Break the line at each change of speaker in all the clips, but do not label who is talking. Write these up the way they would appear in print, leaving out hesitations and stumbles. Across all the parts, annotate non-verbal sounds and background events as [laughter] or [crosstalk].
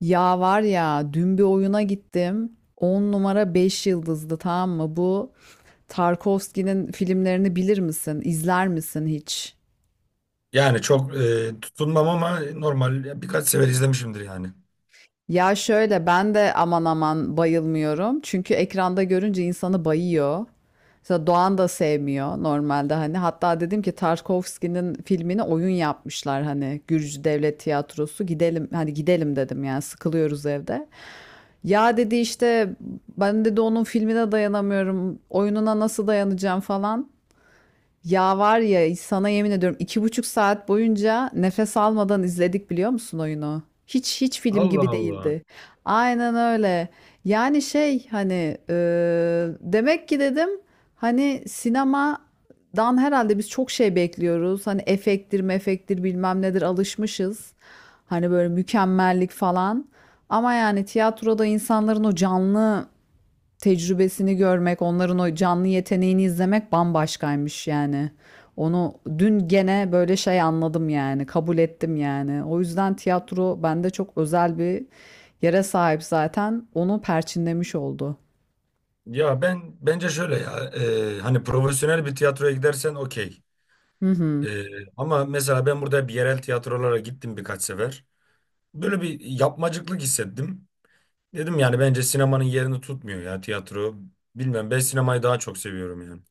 Ya var ya dün bir oyuna gittim. 10 numara 5 yıldızdı, tamam mı? Bu Tarkovski'nin filmlerini bilir misin? İzler misin hiç?
Yani çok tutunmam ama normal ya birkaç sefer izlemişimdir yani.
Ya şöyle, ben de aman aman bayılmıyorum. Çünkü ekranda görünce insanı bayıyor. Mesela Doğan da sevmiyor normalde hani. Hatta dedim ki Tarkovski'nin filmini oyun yapmışlar hani, Gürcü Devlet Tiyatrosu. Gidelim hani, gidelim dedim, yani sıkılıyoruz evde. Ya dedi işte, ben dedi onun filmine dayanamıyorum. Oyununa nasıl dayanacağım falan. Ya var ya, sana yemin ediyorum 2,5 saat boyunca nefes almadan izledik, biliyor musun oyunu? Hiç hiç film
Allah
gibi
Allah.
değildi. Aynen öyle. Yani şey, hani demek ki dedim hani sinemadan herhalde biz çok şey bekliyoruz. Hani efektir mefektir bilmem nedir, alışmışız. Hani böyle mükemmellik falan. Ama yani tiyatroda insanların o canlı tecrübesini görmek, onların o canlı yeteneğini izlemek bambaşkaymış yani. Onu dün gene böyle şey anladım yani, kabul ettim yani. O yüzden tiyatro bende çok özel bir yere sahip zaten. Onu perçinlemiş oldu.
Ya ben bence şöyle ya hani profesyonel bir tiyatroya gidersen okey.
Hı
E,
hı.
Ama mesela ben burada bir yerel tiyatrolara gittim birkaç sefer. Böyle bir yapmacıklık hissettim. Dedim yani bence sinemanın yerini tutmuyor ya tiyatro. Bilmem ben sinemayı daha çok seviyorum yani.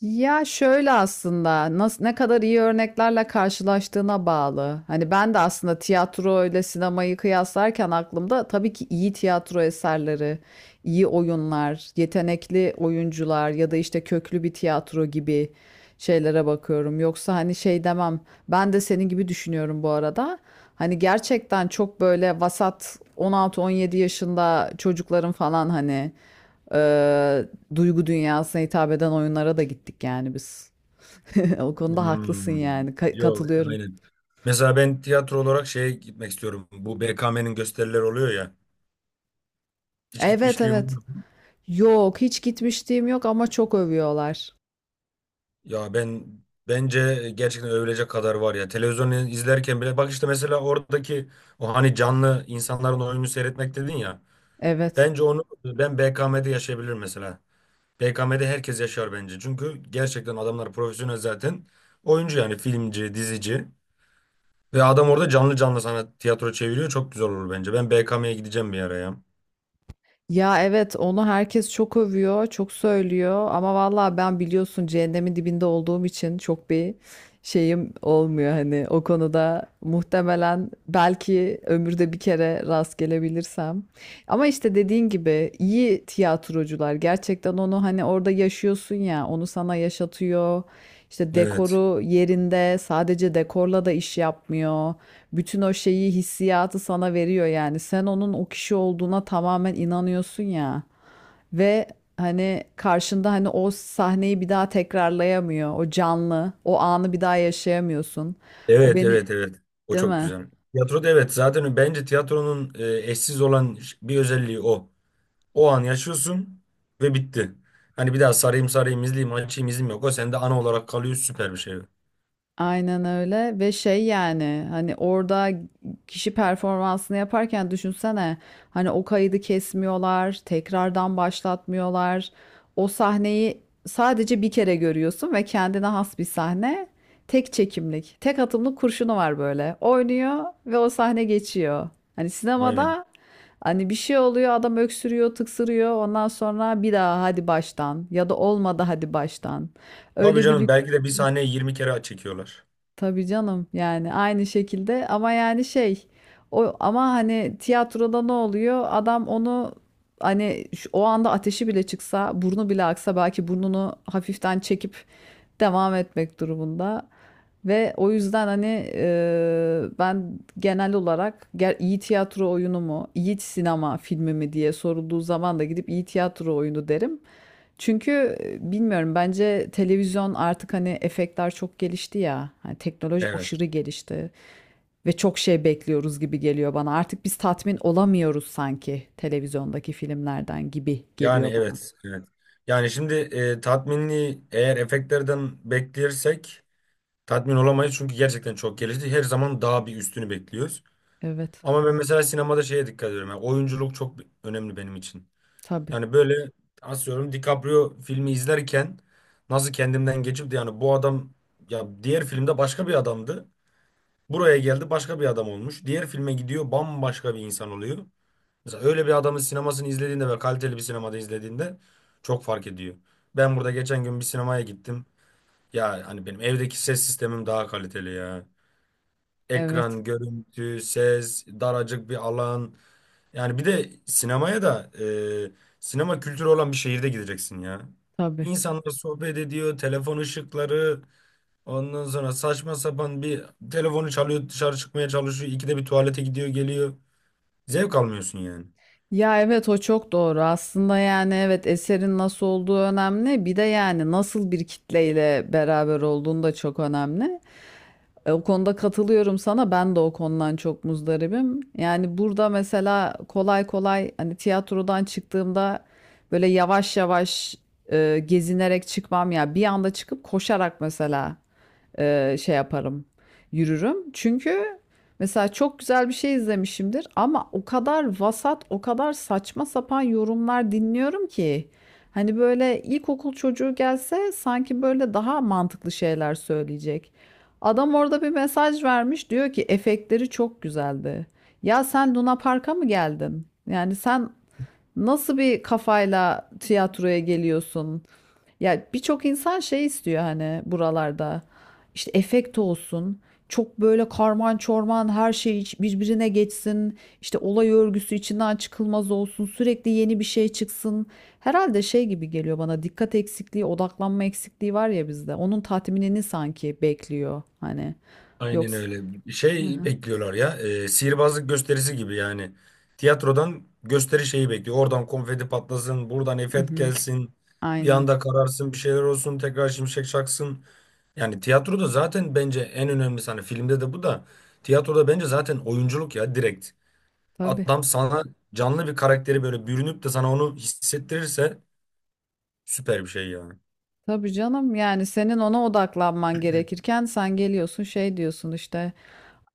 Ya şöyle, aslında nasıl, ne kadar iyi örneklerle karşılaştığına bağlı. Hani ben de aslında tiyatro ile sinemayı kıyaslarken aklımda tabii ki iyi tiyatro eserleri, iyi oyunlar, yetenekli oyuncular ya da işte köklü bir tiyatro gibi şeylere bakıyorum. Yoksa hani şey demem. Ben de senin gibi düşünüyorum bu arada. Hani gerçekten çok böyle vasat 16-17 yaşında çocukların falan hani eee, duygu dünyasına hitap eden oyunlara da gittik yani biz. [laughs] O konuda haklısın yani.
Hmm, yok,
Katılıyorum.
aynen. Mesela ben tiyatro olarak şeye gitmek istiyorum. Bu BKM'nin gösterileri oluyor ya. Hiç
Evet,
gitmişliğim
evet.
var.
Yok, hiç gitmişliğim yok ama çok övüyorlar.
Ya ben bence gerçekten övülecek kadar var ya. Televizyonu izlerken bile bak işte mesela oradaki o hani canlı insanların oyunu seyretmek dedin ya.
Evet.
Bence onu ben BKM'de yaşayabilirim mesela. BKM'de herkes yaşar bence. Çünkü gerçekten adamlar profesyonel zaten. Oyuncu yani filmci, dizici. Ve adam orada canlı canlı sana tiyatro çeviriyor. Çok güzel olur bence. Ben BKM'ye gideceğim bir ara ya.
Ya evet, onu herkes çok övüyor, çok söylüyor ama vallahi ben, biliyorsun, cehennemin dibinde olduğum için çok bir şeyim olmuyor hani o konuda, muhtemelen belki ömürde bir kere rast gelebilirsem. Ama işte dediğin gibi iyi tiyatrocular gerçekten onu, hani orada yaşıyorsun ya, onu sana yaşatıyor. İşte
Evet.
dekoru yerinde, sadece dekorla da iş yapmıyor. Bütün o şeyi, hissiyatı sana veriyor yani. Sen onun o kişi olduğuna tamamen inanıyorsun ya. Ve hani karşında, hani o sahneyi bir daha tekrarlayamıyor. O canlı, o anı bir daha yaşayamıyorsun. O
Evet,
beni,
evet, evet. O
değil
çok
mi?
güzel. Tiyatroda evet zaten bence tiyatronun eşsiz olan bir özelliği o. O an yaşıyorsun ve bitti. Hani bir daha sarayım sarayım izleyeyim açayım izleyeyim yok. O sende ana olarak kalıyor, süper bir şey.
Aynen öyle. Ve şey yani, hani orada kişi performansını yaparken düşünsene, hani o kaydı kesmiyorlar, tekrardan başlatmıyorlar. O sahneyi sadece bir kere görüyorsun ve kendine has bir sahne. Tek çekimlik, tek atımlık kurşunu var böyle. Oynuyor ve o sahne geçiyor. Hani
Aynen.
sinemada hani bir şey oluyor, adam öksürüyor, tıksırıyor. Ondan sonra bir daha hadi baştan, ya da olmadı, hadi baştan.
Tabii
Öyle bir
canım,
lüks.
belki de bir sahneyi 20 kere çekiyorlar.
Tabii canım, yani aynı şekilde, ama yani şey, o, ama hani tiyatroda ne oluyor? Adam onu, hani o anda ateşi bile çıksa, burnu bile aksa, belki burnunu hafiften çekip devam etmek durumunda. Ve o yüzden, hani ben genel olarak iyi tiyatro oyunu mu, iyi sinema filmi mi diye sorulduğu zaman da gidip iyi tiyatro oyunu derim. Çünkü bilmiyorum, bence televizyon artık, hani efektler çok gelişti ya. Hani teknoloji
Evet.
aşırı gelişti ve çok şey bekliyoruz gibi geliyor bana. Artık biz tatmin olamıyoruz sanki televizyondaki filmlerden, gibi
Yani
geliyor bana.
evet. Evet. Yani şimdi tatminliği eğer efektlerden beklersek tatmin olamayız. Çünkü gerçekten çok gelişti. Her zaman daha bir üstünü bekliyoruz.
Evet.
Ama ben mesela sinemada şeye dikkat ediyorum. Yani oyunculuk çok önemli benim için.
Tabii.
Yani böyle asıyorum DiCaprio filmi izlerken, nasıl kendimden geçip de yani bu adam ya diğer filmde başka bir adamdı. Buraya geldi başka bir adam olmuş. Diğer filme gidiyor, bambaşka bir insan oluyor. Mesela öyle bir adamın sinemasını izlediğinde ve kaliteli bir sinemada izlediğinde çok fark ediyor. Ben burada geçen gün bir sinemaya gittim. Ya hani benim evdeki ses sistemim daha kaliteli ya.
Evet.
Ekran, görüntü, ses, daracık bir alan. Yani bir de sinemaya da sinema kültürü olan bir şehirde gideceksin ya.
Tabii.
İnsanlar sohbet ediyor, telefon ışıkları, ondan sonra saçma sapan bir telefonu çalıyor, dışarı çıkmaya çalışıyor, ikide bir tuvalete gidiyor, geliyor. Zevk almıyorsun yani.
Ya evet, o çok doğru. Aslında yani, evet, eserin nasıl olduğu önemli. Bir de yani nasıl bir kitleyle beraber olduğun da çok önemli. O konuda katılıyorum sana. Ben de o konudan çok muzdaribim. Yani burada mesela kolay kolay, hani tiyatrodan çıktığımda böyle yavaş yavaş gezinerek çıkmam ya. Bir anda çıkıp koşarak mesela şey yaparım, yürürüm. Çünkü mesela çok güzel bir şey izlemişimdir ama o kadar vasat, o kadar saçma sapan yorumlar dinliyorum ki, hani böyle ilkokul çocuğu gelse sanki böyle daha mantıklı şeyler söyleyecek. Adam orada bir mesaj vermiş, diyor ki efektleri çok güzeldi. Ya sen Luna Park'a mı geldin? Yani sen nasıl bir kafayla tiyatroya geliyorsun? Ya birçok insan şey istiyor, hani buralarda işte efekt olsun. Çok böyle karman çorman her şey birbirine geçsin. İşte olay örgüsü içinden çıkılmaz olsun. Sürekli yeni bir şey çıksın. Herhalde şey gibi geliyor bana, dikkat eksikliği, odaklanma eksikliği var ya bizde. Onun tatminini sanki bekliyor hani.
Aynen
Yoksa.
öyle.
Hı
Şey
hı.
bekliyorlar ya, sihirbazlık gösterisi gibi yani. Tiyatrodan gösteri şeyi bekliyor. Oradan konfeti patlasın, buradan
Hı
efekt
hı.
gelsin, bir
Aynen.
anda kararsın, bir şeyler olsun, tekrar şimşek çaksın. Yani tiyatroda zaten bence en önemlisi, hani filmde de bu da, tiyatroda bence zaten oyunculuk ya direkt.
Tabii.
Adam sana canlı bir karakteri böyle bürünüp de sana onu hissettirirse süper bir şey ya.
Tabii canım, yani senin ona odaklanman gerekirken sen geliyorsun şey diyorsun işte.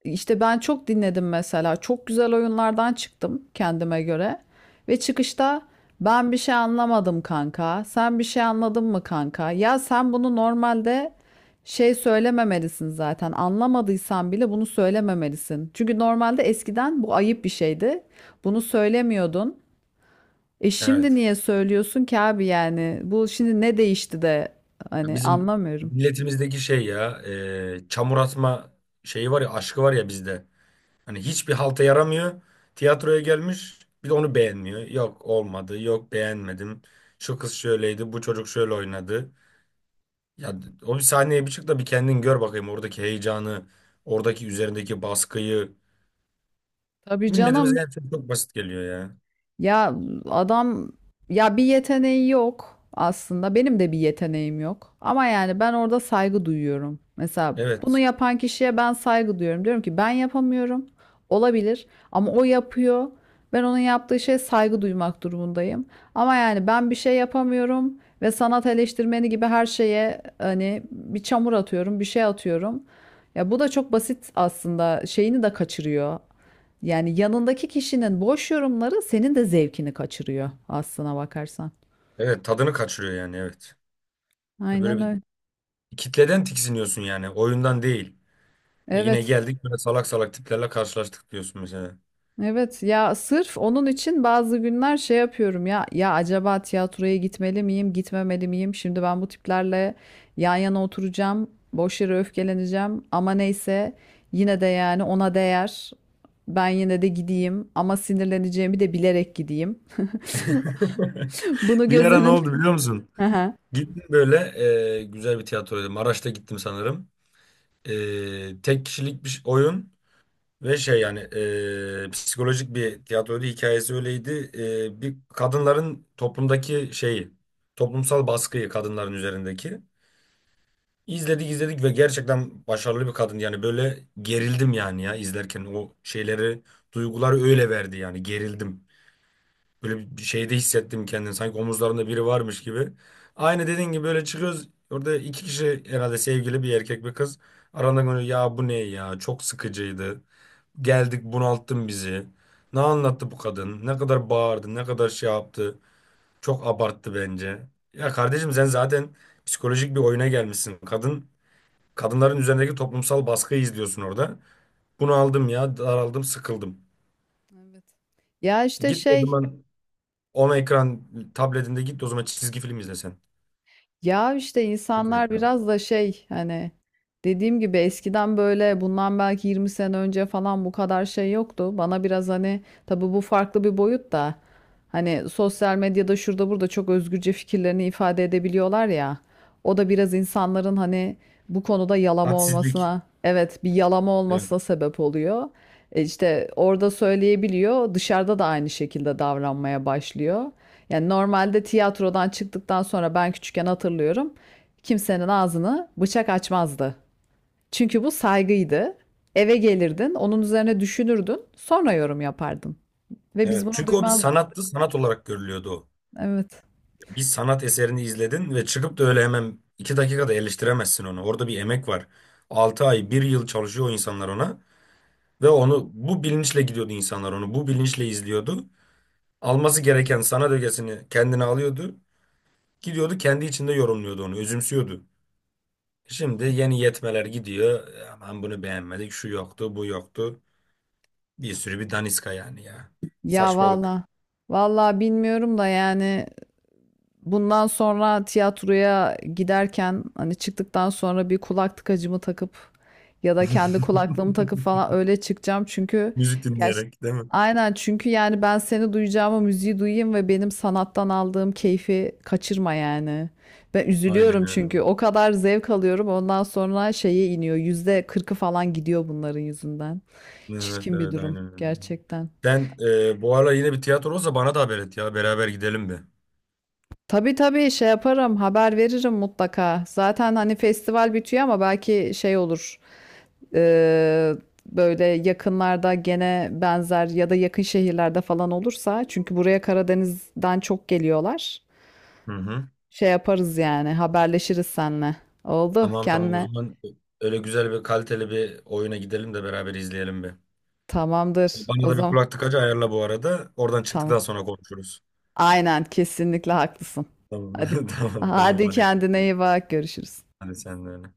İşte ben çok dinledim mesela. Çok güzel oyunlardan çıktım kendime göre. Ve çıkışta, ben bir şey anlamadım kanka. Sen bir şey anladın mı kanka? Ya sen bunu normalde şey söylememelisin zaten. Anlamadıysan bile bunu söylememelisin. Çünkü normalde eskiden bu ayıp bir şeydi. Bunu söylemiyordun. E, şimdi
Evet.
niye söylüyorsun ki abi yani? Bu şimdi ne değişti de
Ya
hani,
bizim
anlamıyorum.
milletimizdeki şey ya, çamur atma şeyi var ya, aşkı var ya bizde. Hani hiçbir halta yaramıyor. Tiyatroya gelmiş bir de onu beğenmiyor. Yok olmadı, yok beğenmedim. Şu kız şöyleydi, bu çocuk şöyle oynadı. Ya o bir sahneye bir çık da bir kendin gör bakayım oradaki heyecanı, oradaki üzerindeki baskıyı.
Tabii
Milletimize
canım.
her şey çok basit geliyor ya.
Ya adam, ya bir yeteneği yok aslında. Benim de bir yeteneğim yok. Ama yani ben orada saygı duyuyorum. Mesela bunu
Evet.
yapan kişiye ben saygı duyuyorum. Diyorum ki ben yapamıyorum. Olabilir, ama o yapıyor. Ben onun yaptığı şeye saygı duymak durumundayım. Ama yani ben bir şey yapamıyorum ve sanat eleştirmeni gibi her şeye, hani bir çamur atıyorum, bir şey atıyorum. Ya bu da çok basit aslında. Şeyini de kaçırıyor. Yani yanındaki kişinin boş yorumları senin de zevkini kaçırıyor aslına bakarsan.
Evet, tadını kaçırıyor yani, evet. Ya böyle
Aynen
bir
öyle.
kitleden tiksiniyorsun yani, oyundan değil. E yine
Evet.
geldik, böyle salak salak tiplerle karşılaştık diyorsun mesela.
Evet, ya sırf onun için bazı günler şey yapıyorum, ya, ya acaba tiyatroya gitmeli miyim gitmemeli miyim? Şimdi ben bu tiplerle yan yana oturacağım, boş yere öfkeleneceğim ama neyse, yine de yani ona değer, ben yine de gideyim ama sinirleneceğimi de bilerek gideyim.
[laughs]
[laughs] bunu
Bir
göz
ara ne
önün-
oldu biliyor musun?
[laughs] Aha.
Gittim böyle, güzel bir tiyatroydu. Maraş'ta gittim sanırım. Tek kişilik bir oyun. Ve şey yani psikolojik bir tiyatroydu. Hikayesi öyleydi. Bir kadınların toplumdaki şeyi, toplumsal baskıyı kadınların üzerindeki. İzledik izledik ve gerçekten başarılı bir kadın. Yani böyle gerildim yani ya, izlerken o şeyleri, duyguları öyle verdi yani, gerildim. Böyle bir şeyde hissettim kendimi. Sanki omuzlarında biri varmış gibi. Aynı dediğin gibi böyle çıkıyoruz. Orada iki kişi, herhalde sevgili, bir erkek bir kız. Aralarında böyle, ya bu ne ya, çok sıkıcıydı. Geldik, bunalttın bizi. Ne anlattı bu kadın? Ne kadar bağırdı, ne kadar şey yaptı. Çok abarttı bence. Ya kardeşim, sen zaten psikolojik bir oyuna gelmişsin. Kadın kadınların üzerindeki toplumsal baskıyı izliyorsun orada. Bunu aldım ya, daraldım, sıkıldım.
Evet. Ya işte
Git o
şey
zaman, ona ekran tabletinde git o zaman, çizgi film izle sen.
Ya işte
Evet
insanlar
abi.
biraz da şey, hani dediğim gibi, eskiden böyle bundan belki 20 sene önce falan bu kadar şey yoktu. Bana biraz hani, tabii bu farklı bir boyut da, hani sosyal medyada şurada burada çok özgürce fikirlerini ifade edebiliyorlar ya. O da biraz insanların hani bu konuda yalama
Hadsizlik.
olmasına, evet bir yalama
Evet.
olmasına sebep oluyor. E işte orada söyleyebiliyor, dışarıda da aynı şekilde davranmaya başlıyor. Yani normalde tiyatrodan çıktıktan sonra, ben küçükken hatırlıyorum. Kimsenin ağzını bıçak açmazdı. Çünkü bu saygıydı. Eve gelirdin, onun üzerine düşünürdün, sonra yorum yapardın. Ve biz
Evet.
bunu
Çünkü o bir
duymazdık.
sanattı, sanat olarak görülüyordu o.
Evet.
Bir sanat eserini izledin ve çıkıp da öyle hemen iki dakikada eleştiremezsin onu. Orada bir emek var. 6 ay, bir yıl çalışıyor o insanlar ona, ve onu bu bilinçle gidiyordu insanlar onu. Bu bilinçle izliyordu. Alması gereken sanat ögesini kendine alıyordu. Gidiyordu, kendi içinde yorumluyordu onu, özümsüyordu. Şimdi yeni yetmeler gidiyor. Aman bunu beğenmedik, şu yoktu, bu yoktu. Bir sürü bir daniska yani ya.
Ya
Saçmalık.
valla. Valla bilmiyorum da yani, bundan sonra tiyatroya giderken, hani çıktıktan sonra bir kulak tıkacımı takıp ya da
[laughs]
kendi kulaklığımı takıp falan öyle çıkacağım, çünkü
Müzik
gerçi
dinleyerek değil mi?
aynen, çünkü yani ben seni duyacağıma müziği duyayım ve benim sanattan aldığım keyfi kaçırma yani. Ben
Aynen
üzülüyorum
öyle.
çünkü o kadar zevk alıyorum, ondan sonra şeye iniyor, %40'ı falan gidiyor bunların yüzünden.
Evet,
Çirkin bir
evet,
durum
aynen öyle.
gerçekten.
Sen, bu ara yine bir tiyatro olsa bana da haber et ya. Beraber gidelim bir.
Tabii tabii, şey yaparım, haber veririm mutlaka. Zaten hani festival bitiyor ama belki şey olur. e, Böyle yakınlarda gene benzer ya da yakın şehirlerde falan olursa. Çünkü buraya Karadeniz'den çok geliyorlar.
Hı hı.
Şey yaparız yani, haberleşiriz seninle. Oldu,
Tamam, tamam, o
kendine.
zaman öyle güzel bir, kaliteli bir oyuna gidelim de beraber izleyelim bir.
Tamamdır
Bana
o
da bir
zaman.
kulak tıkacı ayarla bu arada. Oradan
Tamam.
çıktıktan sonra konuşuruz.
Aynen, kesinlikle haklısın.
Tamam,
Hadi.
[laughs] tamam, tamam,
Hadi
hadi
kendine
görüşürüz.
iyi bak, görüşürüz.
Hadi sen de öyle.